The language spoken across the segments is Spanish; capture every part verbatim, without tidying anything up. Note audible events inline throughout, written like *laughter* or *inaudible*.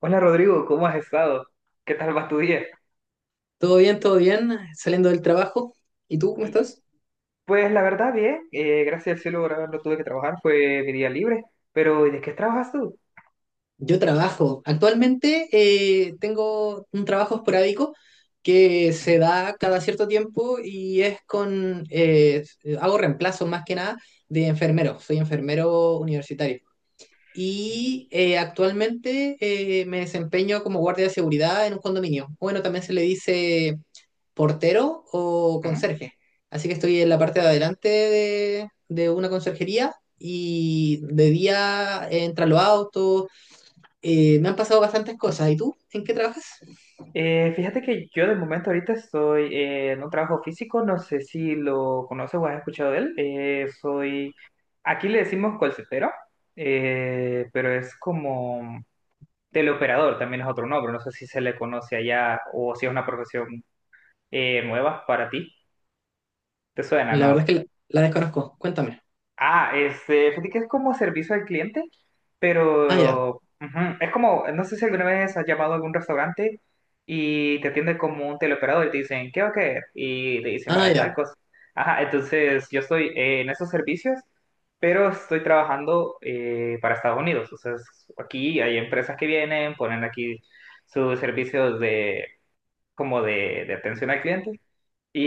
Hola Rodrigo, ¿cómo has estado? ¿Qué tal va tu día? Todo bien, todo bien, saliendo del trabajo. ¿Y tú cómo Y, estás? Pues la verdad, bien. Eh, gracias al cielo, ahora no tuve que trabajar, fue mi día libre. Pero ¿y ¿de qué trabajas tú? Yo trabajo. Actualmente eh, tengo un trabajo esporádico que se Ujú. da cada cierto tiempo y es con, eh, hago reemplazo más que nada de enfermero. Soy enfermero universitario. Y eh, actualmente eh, me desempeño como guardia de seguridad en un condominio. Bueno, también se le dice portero o Ujú. conserje. Así que estoy en la parte de adelante de, de una conserjería y de día entran los autos. Eh, me han pasado bastantes cosas. ¿Y tú? ¿En qué trabajas? Eh, fíjate que yo de momento ahorita estoy eh, en un trabajo físico, no sé si lo conoces o has escuchado de él. Eh, soy, aquí le decimos callcentero, eh, pero es como teleoperador, también es otro nombre, no sé si se le conoce allá o si es una profesión eh, nueva para ti. ¿Te suena, La no? verdad es que la, la desconozco. Cuéntame. Ah, este, fíjate que es como servicio al cliente, Ah, ya. pero ujú, es como, no sé si alguna vez has llamado a algún restaurante y te atiende como un teleoperador y te dicen, ¿qué va a querer? Y te dicen, Ah, vaya, tal ya. cosa. Ajá, entonces yo estoy eh, en esos servicios, pero estoy trabajando eh, para Estados Unidos. O sea, es- aquí hay empresas que vienen, ponen aquí sus servicios de, como de, de atención al cliente.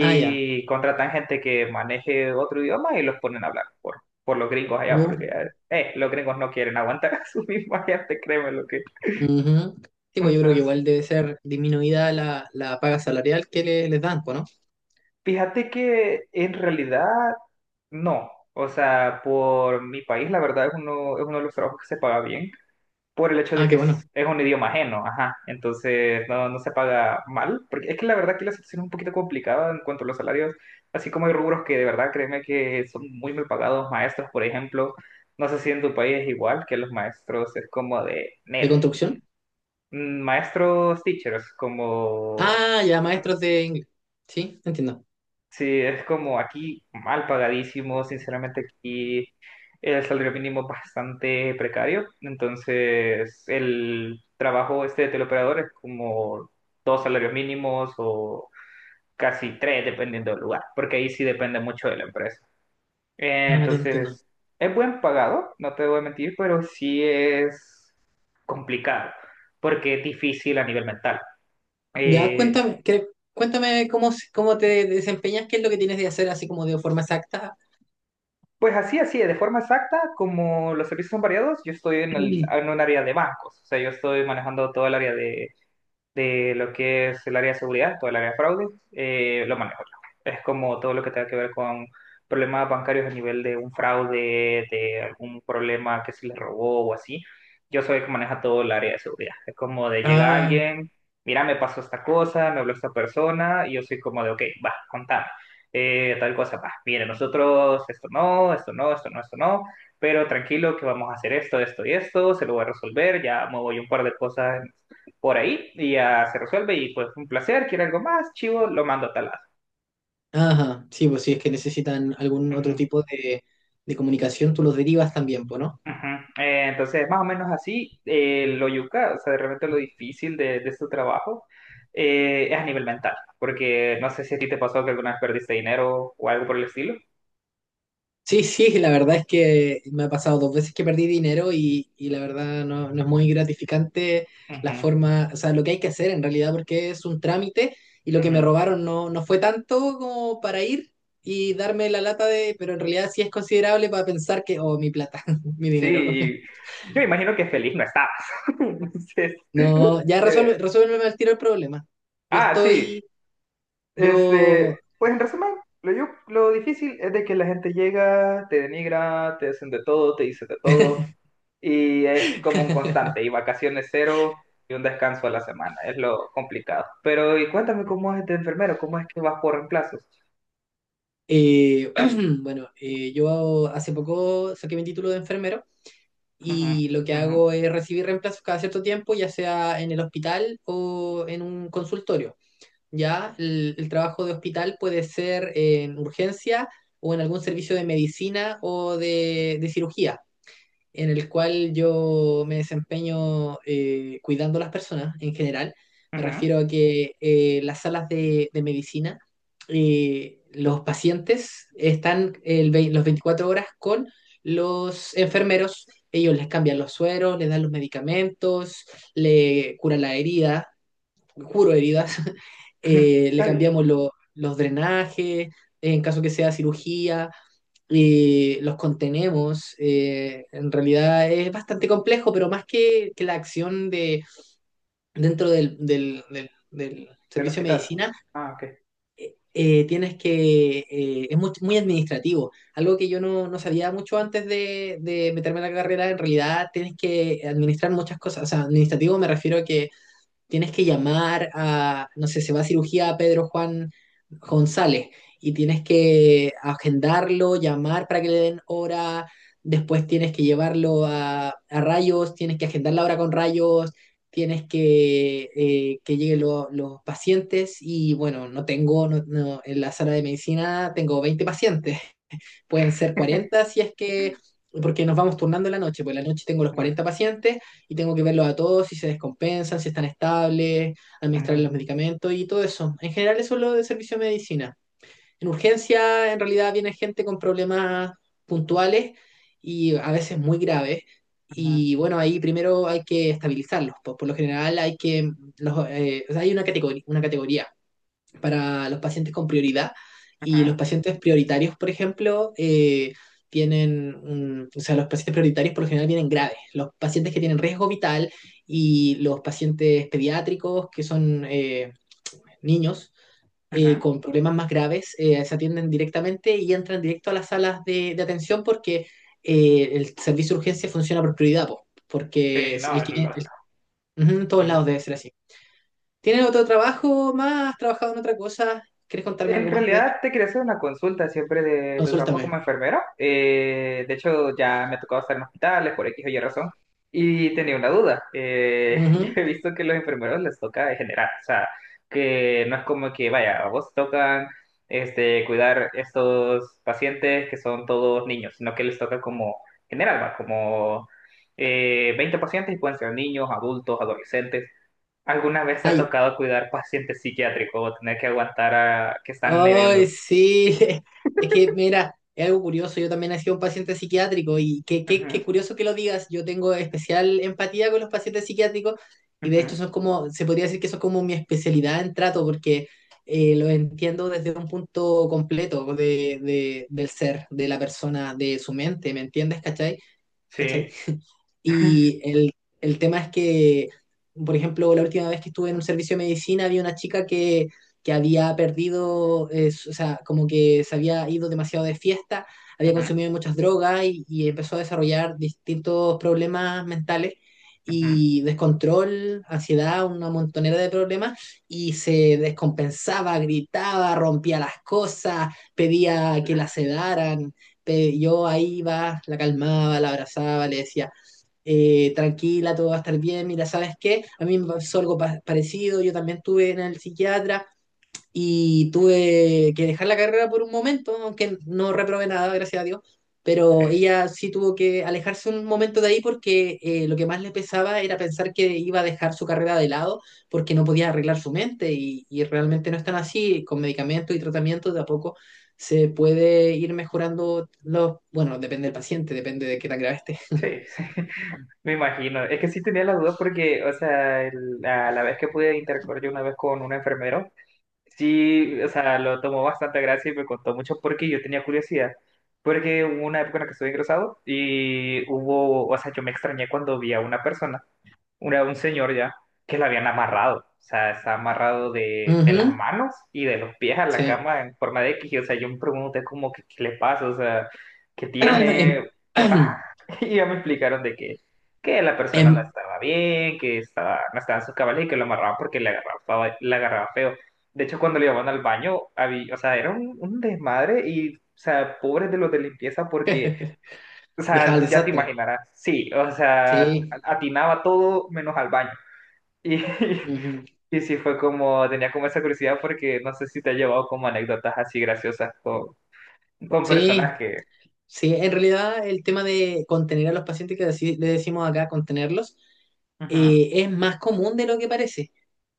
Ah, ya. contratan gente que maneje otro idioma y los ponen a hablar por, por los gringos allá, Tú, porque eh, los gringos no quieren aguantar *laughs* a su misma gente, créeme lo que. ujú. *laughs* Sí, pues yo creo que Entonces, igual debe ser disminuida la, la paga salarial que le- les dan, pues, ¿no? fíjate que en realidad no. O sea, por mi país, la verdad es uno, es uno de los trabajos que se paga bien, por el hecho de Ah, que qué bueno. es, es un idioma ajeno, ajá, entonces no, no se paga mal, porque es que la verdad que la situación es un poquito complicada en cuanto a los salarios, así como hay rubros que de verdad créeme que son muy mal pagados, maestros, por ejemplo, no sé si en tu país es igual, que los maestros es como de ¿De N E L, construcción? Mm, maestros teachers, como Ah, ya, maestros de inglés. Sí, entiendo. sí, es como aquí mal pagadísimo, sinceramente aquí el salario mínimo es bastante precario, entonces el trabajo este de teleoperador es como dos salarios mínimos o casi tres dependiendo del lugar, porque ahí sí depende mucho de la empresa. Eh, Ah, te entiendo. Entonces, es buen pagado, no te voy a mentir, pero sí es complicado, porque es difícil a nivel mental. Ya, Eh, cuéntame, que- cuéntame cómo, se- cómo te desempeñas, qué es lo que tienes de hacer así como de forma exacta. Pues así, así, de forma exacta, como los servicios son variados, yo estoy en, el, en *clears throat* un área de bancos, o sea, yo estoy manejando todo el área de, de lo que es el área de seguridad, todo el área de fraude, eh, lo manejo yo. Es como todo lo que tenga que ver con problemas bancarios a nivel de un fraude, de algún problema que se le robó o así. Yo soy el que maneja todo el área de seguridad. Es como de llega Ah, alguien, mira, me pasó esta cosa, me habló esta persona, y yo soy como de, ok, va, contame. Eh, tal cosa, va, mire, nosotros esto no, esto no, esto no, esto no, pero tranquilo que vamos a hacer esto, esto y esto, se lo voy a resolver, ya muevo yo un par de cosas por ahí y ya se resuelve y pues un placer, quiere algo más, chivo, lo mando a tal lado. ajá, sí, pues si es que necesitan algún otro Ujú, tipo de, de comunicación, tú los derivas también, pues, ¿no? ujú. Eh, entonces, más o menos así, eh, lo yuca, o sea, de repente lo difícil de, de este trabajo eh, es a nivel mental, porque no sé si a ti te pasó que alguna vez perdiste dinero o algo por el estilo. Sí, sí, la verdad es que me ha pasado dos veces que perdí dinero y, y la verdad no, no es muy gratificante la Ujú, forma, o sea, lo que hay que hacer en realidad, porque es un trámite y lo que me ujú. robaron no, no fue tanto como para ir y darme la lata de, pero en realidad sí es considerable para pensar que, oh, mi plata, *laughs* mi Sí, dinero. y yo imagino que feliz no estabas. *laughs* Entonces, No, ya que- resuelve, resuélveme al tiro el problema. Yo ah, sí. estoy, yo, Este, pues en resumen, lo, yo- lo difícil es de que la gente llega, te denigra, te hacen de todo, te dicen de todo, y es como un *laughs* constante, y vacaciones cero y un descanso a la semana, es lo complicado. Pero, y cuéntame cómo es de enfermero, cómo es que vas por reemplazos. eh, *clears throat* bueno, eh, yo hace poco saqué mi título de enfermero. Ujú, Y lo que ujú, hago es recibir reemplazos cada cierto tiempo, ya sea en el hospital o en un consultorio. Ya el, el trabajo de hospital puede ser en urgencia o en algún servicio de medicina o de de cirugía en el cual yo me desempeño eh, cuidando a las personas en general. Me ujú. refiero a que eh, las salas de, de medicina, eh, los pacientes están el vei- los veinticuatro horas con los enfermeros. Ellos les cambian los sueros, les dan los medicamentos, le curan la herida juro heridas, *laughs* *laughs* eh, le Está bien, cambiamos lo- los drenajes, en caso que sea cirugía, eh, los contenemos. Eh, en realidad es bastante complejo, pero más que, que la acción de, dentro del, del- del- del del servicio de hospital. medicina, Ah, ok. eh, tienes que, eh, es muy, muy administrativo. Algo que yo no, no sabía mucho antes de, de meterme en la carrera, en realidad tienes que administrar muchas cosas. O sea, administrativo me refiero a que tienes que llamar a, no sé, se va a cirugía a Pedro Juan González y tienes que agendarlo, llamar para que le den hora, después tienes que llevarlo a, a rayos, tienes que agendar la hora con rayos, tienes que eh, que lleguen lo- los pacientes y bueno, no tengo, no- no, en la sala de medicina tengo veinte pacientes, pueden ser cuarenta si es que, porque nos vamos turnando en la noche, pues en la noche tengo los Ujú, cuarenta pacientes y tengo que verlos a todos, si se descompensan, si están estables, administrarles ujú, los medicamentos y todo eso. En general eso es lo de servicio de medicina. En urgencia en realidad viene gente con problemas puntuales y a veces muy graves. ujú, Y bueno, ahí primero hay que estabilizarlos. Por, por lo general hay que, los, eh, o sea, hay una categoría, una categoría para los pacientes con prioridad. ujú, Y los pacientes prioritarios, por ejemplo, eh, tienen, mm, o sea, los pacientes prioritarios por lo general vienen graves. Los pacientes que tienen riesgo vital y los pacientes pediátricos, que son eh, niños eh, ujú. con problemas más graves, eh, se atienden directamente y entran directo a las salas de, de atención porque eh, el servicio de urgencia funciona por prioridad, po, porque Sí, no, el es que viene- el- lógico. ujú, en todos lados debe ser así. ¿Tienes otro trabajo más? ¿Has trabajado en otra cosa? ¿Quieres contarme En algo más de? realidad te quería hacer una consulta siempre de tu trabajo Consúltame. como enfermera. Eh, de hecho, ya me ha tocado estar en hospitales por X o Y razón. Y tenía una duda. Eh, *laughs* yo Ujú. he visto que los enfermeros les toca en general. O sea, que no es como que, vaya, a vos tocan este, cuidar estos pacientes que son todos niños, sino que les toca como general, va, como eh, veinte pacientes y pueden ser niños, adultos, adolescentes. ¿Alguna vez te ha Ay, tocado cuidar pacientes psiquiátricos o tener que aguantar a que están ay, heriendo? sí. *laughs* Es que, mira, es algo curioso. Yo también he sido un paciente psiquiátrico y qué, qué, Ujú, qué curioso que lo digas. Yo tengo especial empatía con los pacientes psiquiátricos y de ujú, hecho son como, se podría decir que son como mi especialidad en trato porque eh, lo entiendo desde un punto completo de, de- del ser, de la persona, de su mente. ¿Me entiendes? ¿Cachai? sí, ¿Cachai? Y el, el tema es que, por ejemplo, la última vez que estuve en un servicio de medicina había una chica que, que había perdido, eh, su- o sea, como que se había ido demasiado de fiesta, había ujú, consumido muchas drogas y, y empezó a desarrollar distintos problemas mentales ujú, y descontrol, ansiedad, una montonera de problemas y se descompensaba, gritaba, rompía las cosas, pedía que la sedaran. pe- Yo ahí iba, la calmaba, la abrazaba, le decía, eh, tranquila, todo va a estar bien, mira, ¿sabes qué? A mí me pasó algo pa- parecido, yo también estuve en el psiquiatra y tuve que dejar la carrera por un momento, aunque no reprobé nada, gracias a Dios, sí, pero ella sí tuvo que alejarse un momento de ahí porque eh, lo que más le pesaba era pensar que iba a dejar su carrera de lado porque no podía arreglar su mente y, y realmente no es tan así, con medicamentos y tratamientos de a poco se puede ir mejorando los, bueno, depende del paciente, depende de qué tan grave esté. sí, sí. *laughs* Me imagino. Es que sí tenía la duda porque, o sea, el- a la vez que pude interactuar yo una vez con un enfermero, sí, o sea, lo tomó bastante gracia y me contó mucho porque yo tenía curiosidad. Porque hubo una época en la que estuve ingresado y hubo, o sea, yo me extrañé cuando vi a una persona. Era un señor ya que lo habían amarrado. O sea, está amarrado de, de las Ujú, manos y de los pies a la sí. cama en forma de X. O sea, yo me pregunté como que qué le pasa, o sea, qué *clears throat* tiene. Em, Ah, *clears throat* *laughs* y ya me explicaron de que, que la persona no em, estaba bien, que estaba, no estaba en sus cabales y que lo amarraban porque le agarraba, le agarraba feo. De hecho, cuando le llevaban al baño, había, o sea, era un, un desmadre y, o sea, pobres de los de limpieza porque *laughs* o Deja el sea, ya te desastre. imaginarás. Sí, o sea, Sí. atinaba todo menos al baño. Y, Ujú. *laughs* y sí fue como, tenía como esa curiosidad porque no sé si te ha llevado como anécdotas así graciosas con, con Sí. personas que... Sí. En realidad, el tema de contener a los pacientes, que así le decimos acá, contenerlos, Ujú. eh, es más común de lo que parece.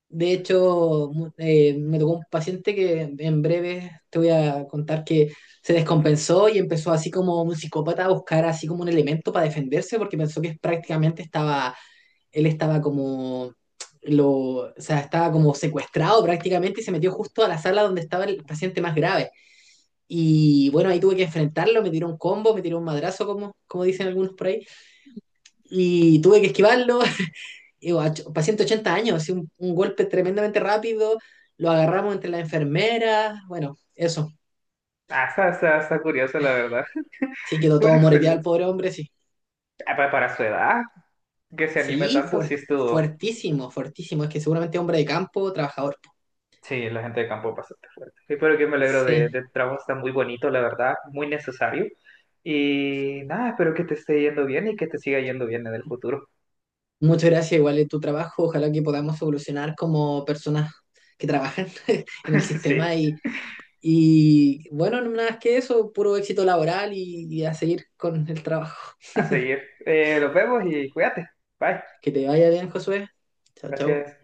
De hecho, mu- eh, me tocó un paciente que en breve te voy a contar que se descompensó y empezó así como un psicópata a buscar así como un elemento para defenderse porque pensó que prácticamente estaba él estaba como, lo, o sea, estaba como secuestrado prácticamente y se metió justo a la sala donde estaba el paciente más grave. Y bueno, ahí tuve que enfrentarlo, me tiró un combo, me tiró un madrazo, como, como dicen algunos por ahí, y tuve que esquivarlo. *laughs* Y bueno, paciente de ochenta años, así un, un golpe tremendamente rápido, lo agarramos entre las enfermeras, bueno, eso. Ah, está, está- está curioso, la verdad. Sí, *laughs* quedó Buena todo moreteado el experiencia. pobre hombre, sí. Ah, pa- para su edad, que se anime Sí, tanto, sí fuerte, estuvo. fuertísimo, fuertísimo. Es que seguramente es hombre de campo, trabajador. Sí, la gente de campo es bastante fuerte. Sí, pero que me alegro de, de Sí. tu trabajo, está muy bonito, la verdad, muy necesario. Y nada, espero que te esté yendo bien y que te siga yendo bien en el futuro. Muchas gracias, igual es tu trabajo. Ojalá que podamos evolucionar como personas que trabajan *laughs* en el *laughs* Sí. sistema y, y bueno, no nada más que eso, puro éxito laboral y, y a seguir con el trabajo. A seguir. Eh, nos vemos y cuídate. Bye. Que te vaya bien, Josué. Chao, chao. Gracias.